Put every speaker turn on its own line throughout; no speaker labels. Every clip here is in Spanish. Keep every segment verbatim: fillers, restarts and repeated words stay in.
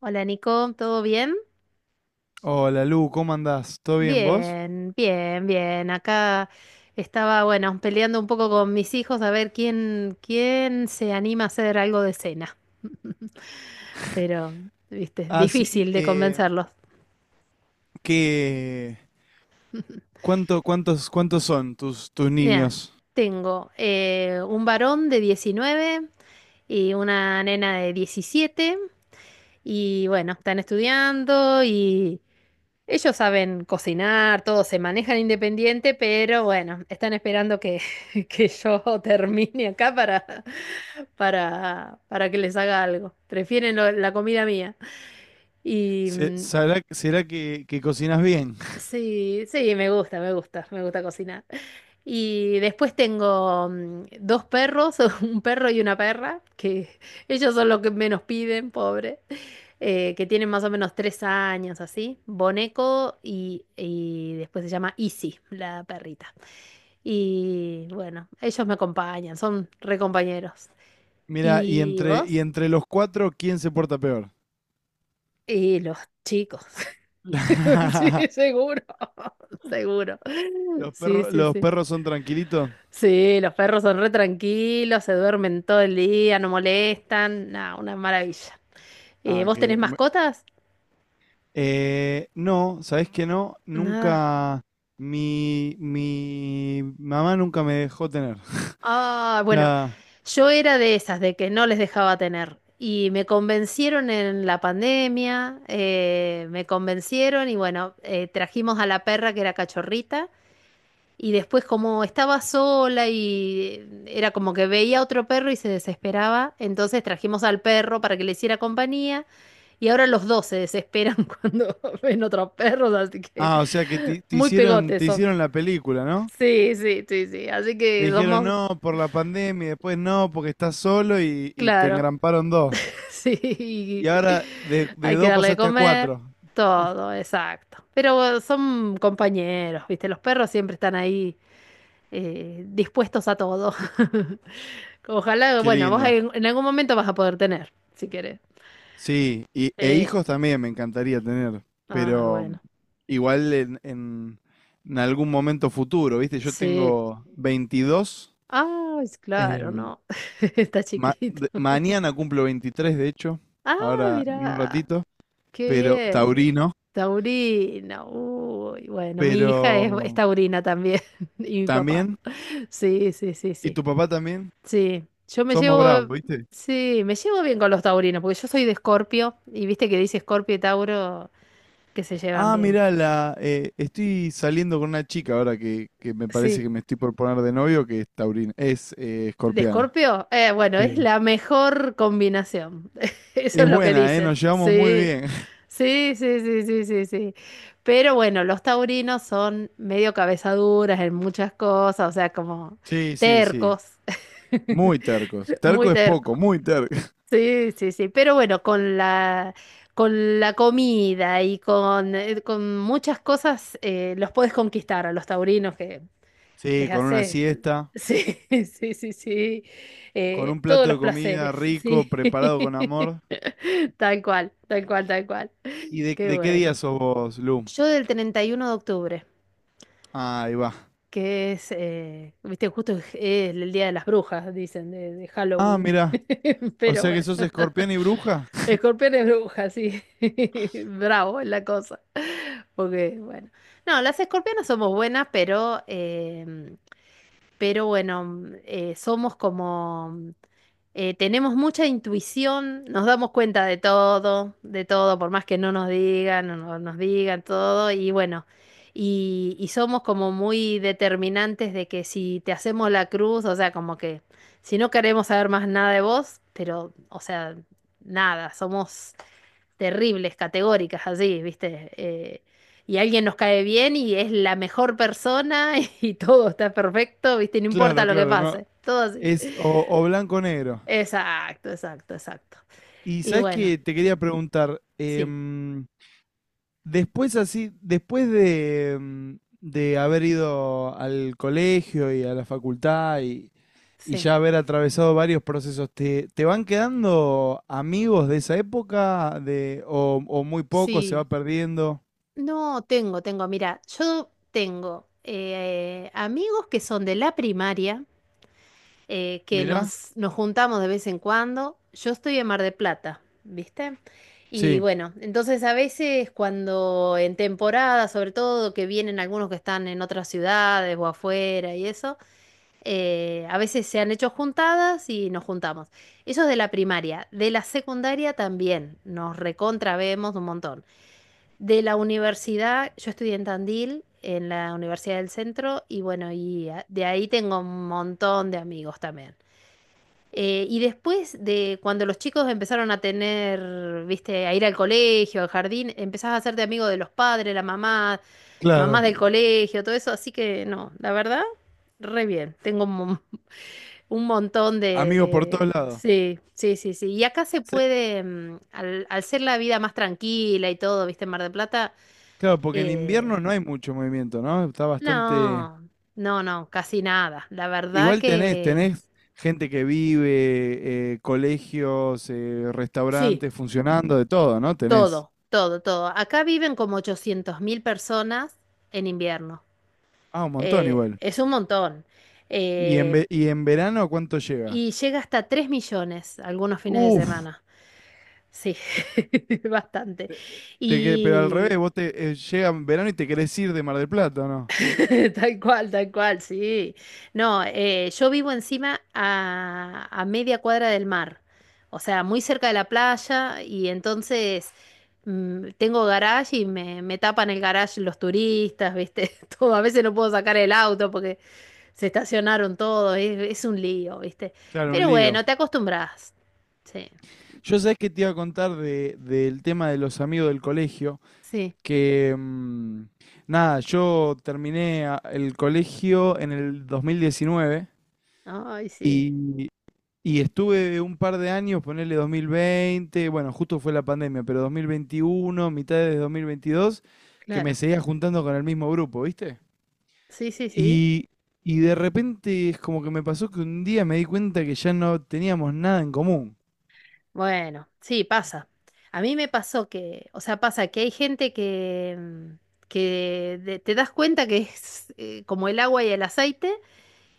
Hola Nico, ¿todo bien?
Hola Lu, ¿cómo andás? ¿Todo bien vos?
Bien, bien, bien. Acá estaba, bueno, peleando un poco con mis hijos a ver quién, quién se anima a hacer algo de cena. Pero, viste,
Ah, sí,
difícil de
eh,
convencerlos.
¿qué, cuánto, cuántos, cuántos son tus, tus
Mira,
niños?
tengo eh, un varón de diecinueve y una nena de diecisiete y bueno, están estudiando y... Ellos saben cocinar, todos se manejan independiente, pero bueno, están esperando que, que yo termine acá para, para, para que les haga algo. Prefieren lo- la comida mía. Y
Se-
mm,
¿Sabrá- será que, que cocinas bien?
sí, sí, me gusta, me gusta, me gusta cocinar. Y después tengo mm, dos perros, un perro y una perra, que ellos son los que menos piden, pobre, eh, que tienen más o menos tres años así, Boneco y, y después se llama Izzy, la perrita. Y bueno, ellos me acompañan, son re compañeros.
Mira, y
¿Y
entre, y
vos?
entre los cuatro, ¿quién se porta peor?
Y los chicos. Sí, seguro, seguro.
¿Los
Sí,
perros,
sí,
los
sí.
perros son tranquilitos?
Sí, los perros son re tranquilos, se duermen todo el día, no molestan, nada, una maravilla. Eh,
Ah,
¿vos tenés
que... me-
mascotas?
eh, no, ¿sabés que no?
Nada.
Nunca. Mi, mi mamá nunca me dejó tener.
Ah, bueno,
Ya.
yo era de esas, de que no les dejaba tener. Y me convencieron en la pandemia, eh, me convencieron y bueno, eh, trajimos a la perra que era cachorrita. Y después como estaba sola y era como que veía otro perro y se desesperaba, entonces trajimos al perro para que le hiciera compañía y ahora los dos se desesperan cuando ven otros perros, así que
Ah, o sea que te, te
muy
hicieron,
pegotes
te
son.
hicieron la película, ¿no?
Sí, sí, sí, sí, así
Te
que
dijeron
somos,
no por la pandemia, y después no porque estás solo y, y te
claro,
engramparon dos.
sí,
Y ahora de, de
hay que
dos
darle de
pasaste a
comer,
cuatro.
todo, exacto. Pero son compañeros, ¿viste? Los perros siempre están ahí eh, dispuestos a todo. Ojalá,
Qué
bueno, vos
lindo.
en, en algún momento vas a poder tener, si querés.
Sí, y, e
Sí.
hijos también me encantaría tener,
Ah,
pero
bueno.
igual en, en, en algún momento futuro, ¿viste? Yo
Sí.
tengo veintidós,
Ah, es claro,
em,
no. Está
ma-
chiquito.
de- mañana cumplo veintitrés de hecho,
Ah,
ahora en un
mira.
ratito,
Qué
pero
bien.
taurino,
Taurina. Uy, bueno, mi hija es, es
pero
taurina también. Y mi papá.
también,
Sí, sí, sí,
y
sí.
tu papá también,
Sí. Yo me
somos bravos,
llevo.
¿viste?
Sí, me llevo bien con los taurinos, porque yo soy de Escorpio. Y viste que dice Escorpio y Tauro que se llevan
Ah,
bien.
mirá, la, eh, estoy saliendo con una chica ahora que, que me parece
Sí.
que me estoy por poner de novio, que es taurina, es eh,
¿De
escorpiana.
Escorpio? Eh, bueno, es
Sí.
la mejor combinación. Eso
Es
es lo que
buena, ¿eh?
dicen.
Nos llevamos muy
Sí.
bien.
Sí, sí, sí, sí, sí, sí. Pero bueno, los taurinos son medio cabezaduras en muchas cosas, o sea, como
Sí, sí, sí.
tercos.
Muy tercos.
Muy
Terco es poco,
tercos.
muy terco.
Sí, sí, sí. Pero bueno, con la, con la comida y con, eh, con muchas cosas eh, los podés conquistar a los taurinos que
Sí,
les
con una
haces,
siesta,
sí, sí, sí, sí,
con
eh,
un
todos
plato
los
de comida
placeres,
rico,
sí.
preparado con amor.
Tal cual, tal cual, tal cual.
¿Y de,
Qué
de qué día
bueno.
sos vos, Lu?
Yo del treinta y uno de octubre,
Ahí va.
que es, eh, viste, justo es el Día de las Brujas, dicen, de, de
Ah,
Halloween.
mirá. O
Pero
sea que
bueno,
sos escorpiana y bruja.
escorpión es bruja, sí. Bravo es la cosa. Porque, bueno. No, las escorpionas somos buenas, pero, em, pero bueno, eh, somos como... Eh, tenemos mucha intuición, nos damos cuenta de todo, de todo, por más que no nos digan, no no nos digan todo, y bueno, y, y somos como muy determinantes de que si te hacemos la cruz, o sea, como que si no queremos saber más nada de vos, pero, o sea, nada, somos terribles, categóricas, así, ¿viste? Eh, y alguien nos cae bien y es la mejor persona y todo está perfecto, ¿viste? No importa
Claro,
lo que
claro, no.
pase, todo así.
Es o, o blanco o negro.
Exacto, exacto, exacto.
Y
Y
sabes
bueno,
que te quería preguntar,
sí,
em, después así, después de, em, de haber ido al colegio y a la facultad y, y
sí,
ya haber atravesado varios procesos, ¿te, te van quedando amigos de esa época de, o, o muy poco se
sí.
va perdiendo?
No, tengo, tengo, mira, yo tengo eh, amigos que son de la primaria, eh, que
Mirá,
nos, nos juntamos de vez en cuando. Yo estoy en Mar de Plata, ¿viste? Y
sí,
bueno, entonces a veces cuando en temporada, sobre todo que vienen algunos que están en otras ciudades o afuera y eso. Eh, a veces se han hecho juntadas y nos juntamos. Eso es de la primaria. De la secundaria también. Nos recontravemos un montón. De la universidad, yo estudié en Tandil, en la Universidad del Centro, y bueno, y a- de ahí tengo un montón de amigos también. Eh, y después de cuando los chicos empezaron a tener, viste, a ir al colegio, al jardín, empezás a hacerte amigo de los padres, la mamá,
claro.
mamás del colegio, todo eso. Así que no, la verdad, re bien. Tengo un mon- un montón de,
Amigos por
de-
todos lados.
Sí, sí, sí, sí. Y acá se
Sí,
puede, mm, al, al ser la vida más tranquila y todo, viste, en Mar del Plata,
claro, porque en
eh,
invierno no hay mucho movimiento, ¿no? Está bastante.
no, no, no, casi nada. La verdad
Igual tenés,
que
tenés gente que vive, eh, colegios, eh,
sí,
restaurantes funcionando, de todo, ¿no? Tenés.
todo, todo, todo. Acá viven como ochocientos mil personas en invierno.
Ah, un montón
Eh,
igual.
es un montón.
¿Y en,
Eh,
ve- y en verano cuánto llega?
y llega hasta tres millones algunos fines de
Uf,
semana. Sí, bastante.
te que- pero al revés,
Y
vos te eh, llega en verano y te querés ir de Mar del Plata, ¿o ¿no?
tal cual, tal cual, sí. No, eh, yo vivo encima a, a media cuadra del mar, o sea, muy cerca de la playa y entonces mm, tengo garage y me, me tapan el garage los turistas, ¿viste? Todo, a veces no puedo sacar el auto porque se estacionaron todos, es, es un lío, ¿viste?
Claro, un
Pero
lío.
bueno, te acostumbras. Sí,
Yo sabés que te iba a contar de, del tema de los amigos del colegio,
sí.
que mm, nada, yo terminé a- el colegio en el dos mil diecinueve
Ay, sí,
y, Y estuve un par de años, ponerle dos mil veinte, bueno, justo fue la pandemia, pero dos mil veintiuno, mitad de dos mil veintidós, que me
claro.
seguía juntando con el mismo grupo, ¿viste?
Sí, sí, sí.
Y, y de repente es como que me pasó que un día me di cuenta que ya no teníamos nada en común.
Bueno, sí, pasa. A mí me pasó que, o sea, pasa que hay gente que, mm, que de- te das cuenta que es eh, como el agua y el aceite,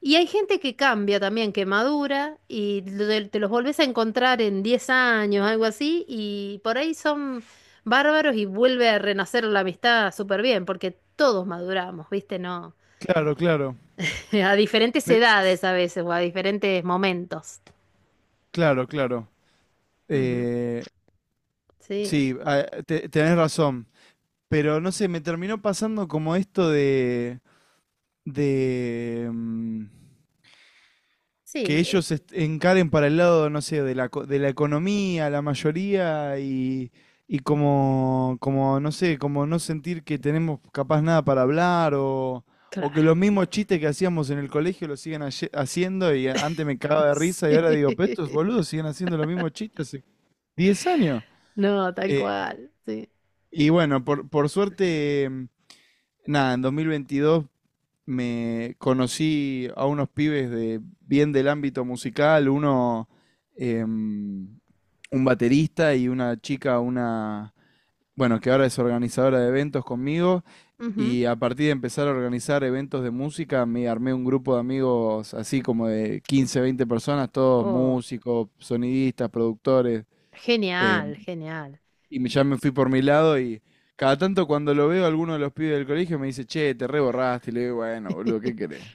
y hay gente que cambia también, que madura, y lo de- te los volvés a encontrar en diez años, algo así, y por ahí son bárbaros y vuelve a renacer la amistad súper bien, porque todos maduramos, ¿viste? No,
Claro, claro.
a diferentes
Pe-
edades a veces, o a diferentes momentos.
claro, claro.
Ujú.
Eh,
Sí,
sí, ah, te- tenés razón. Pero no sé, me terminó pasando como esto de, de, mm, que
sí, eh,
ellos est- encaren para el lado, no sé, de la, co- de la economía, la mayoría, y, y como, como, no sé, como no sentir que tenemos capaz nada para hablar, o, o que los
claro.
mismos chistes que hacíamos en el colegio los siguen haye- haciendo, y antes me cagaba de risa, y
Sí.
ahora digo, pero estos boludos siguen haciendo los mismos chistes hace diez años.
No, tal
Eh,
cual. Sí.
y bueno, por, por suerte, mm, nada, en dos mil veintidós me conocí a unos pibes de bien del ámbito musical, uno em, un baterista y una chica, una bueno, que ahora es organizadora de eventos conmigo
Ujú.
y a partir de empezar a organizar eventos de música me armé un grupo de amigos así como de quince veinte personas, todos
Oh,
músicos, sonidistas, productores em,
genial, genial.
y me- ya me fui por mi lado y cada tanto cuando lo veo alguno de los pibes del colegio me dice, "Che, te reborraste." Y le digo, "Bueno, boludo, ¿qué querés?"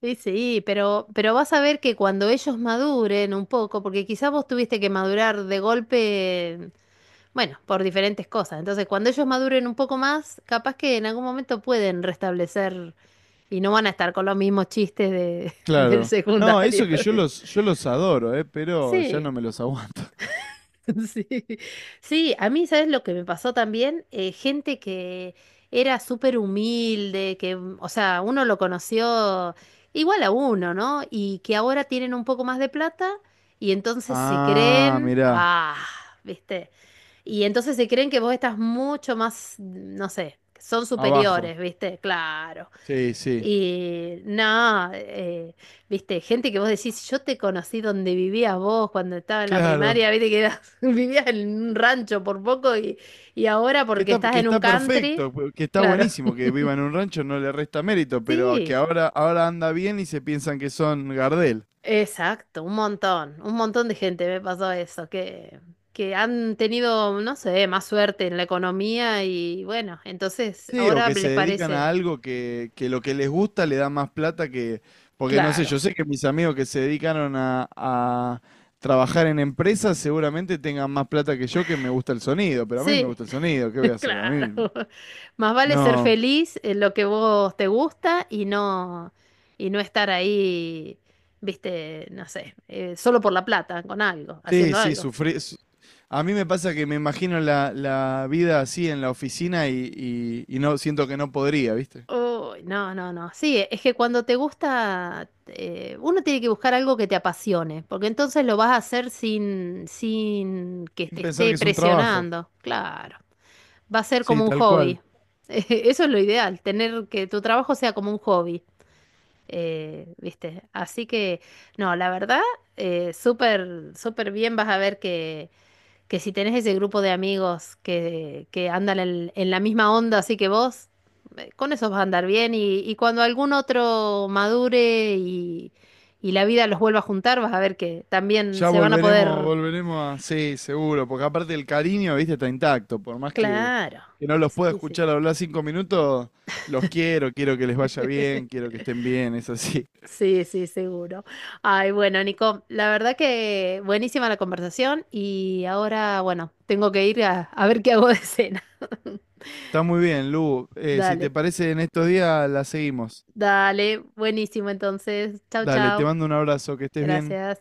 Sí, sí, pero, pero vas a ver que cuando ellos maduren un poco, porque quizás vos tuviste que madurar de golpe, bueno, por diferentes cosas. Entonces, cuando ellos maduren un poco más, capaz que en algún momento pueden restablecer y no van a estar con los mismos chistes de, del
Claro. No,
secundario.
eso que yo los, yo los adoro, eh, pero ya
Sí,
no me los aguanto.
sí. Sí, a mí, ¿sabes lo que me pasó también? Eh, gente que era súper humilde, que, mm, o sea, uno lo conoció igual a uno, ¿no? Y que ahora tienen un poco más de plata y entonces se
Ah,
creen,
mirá,
ah, ¿viste? Y entonces se creen que vos estás mucho más, mm, no sé, son
abajo.
superiores, ¿viste? Claro.
Sí, sí.
Y no, eh, viste, gente que vos decís, yo te conocí donde vivías vos cuando estaba en la
Claro.
primaria, viste que eras- vivías en un rancho por poco y, y ahora
Que
porque
está,
estás
que
en un
está
country,
perfecto, pu- que está
claro.
buenísimo que viva en un rancho, no le resta mérito, pero que
Sí,
ahora, ahora anda bien y se piensan que son Gardel.
exacto, un montón, un montón de gente me pasó eso, que, que han tenido, no sé, más suerte en la economía y bueno, entonces
Sí, o
ahora
que se
les
dedican
parece,
a algo que, que lo que les gusta le da más plata que. Porque no sé,
claro,
yo sé que mis amigos que se dedicaron a, a trabajar en empresas seguramente tengan más plata que yo que me gusta el sonido, pero a mí me
sí.
gusta el sonido, ¿qué voy a hacer? A
Claro.
mí
Más vale ser
no.
feliz en lo que vos te gusta y no, y no estar ahí, viste, no sé, eh, solo por la plata, con algo,
Sí,
haciendo
sí,
algo.
sufrí... su- A mí me pasa que me imagino la, la vida así en la oficina y, y y no siento que no podría, ¿viste?
Uy, no, no, no. Sí, es que cuando te gusta, eh, uno tiene que buscar algo que te apasione, porque entonces lo vas a hacer sin, sin que
Sin
te
pensar
esté
que es un trabajo.
presionando. Claro. Va a ser
Sí,
como un
tal cual.
hobby. Eso es lo ideal, tener que tu trabajo sea como un hobby. Eh, ¿viste? Así que, no, la verdad, eh, súper, súper bien vas a ver que, que si tenés ese grupo de amigos que, que andan en, en la misma onda, así que vos, eh, con esos vas a andar bien y, y cuando algún otro madure y, y la vida los vuelva a juntar, vas a ver que también
Ya
se van a
volveremos,
poder...
volveremos a. Sí, seguro, porque aparte el cariño, viste, está intacto. Por más que,
Claro.
que no los pueda
Sí, sí.
escuchar hablar cinco minutos, los quiero, quiero que les vaya bien, quiero que estén bien, es así.
Sí, sí, seguro. Ay, bueno, Nico, la verdad que buenísima la conversación y ahora, bueno, tengo que ir a, a ver qué hago de cena.
Está muy bien, Lu. Eh, si te
Dale,
parece, en estos días la seguimos.
dale, buenísimo entonces. Chao,
Dale, te
chao.
mando un abrazo, que estés bien.
Gracias.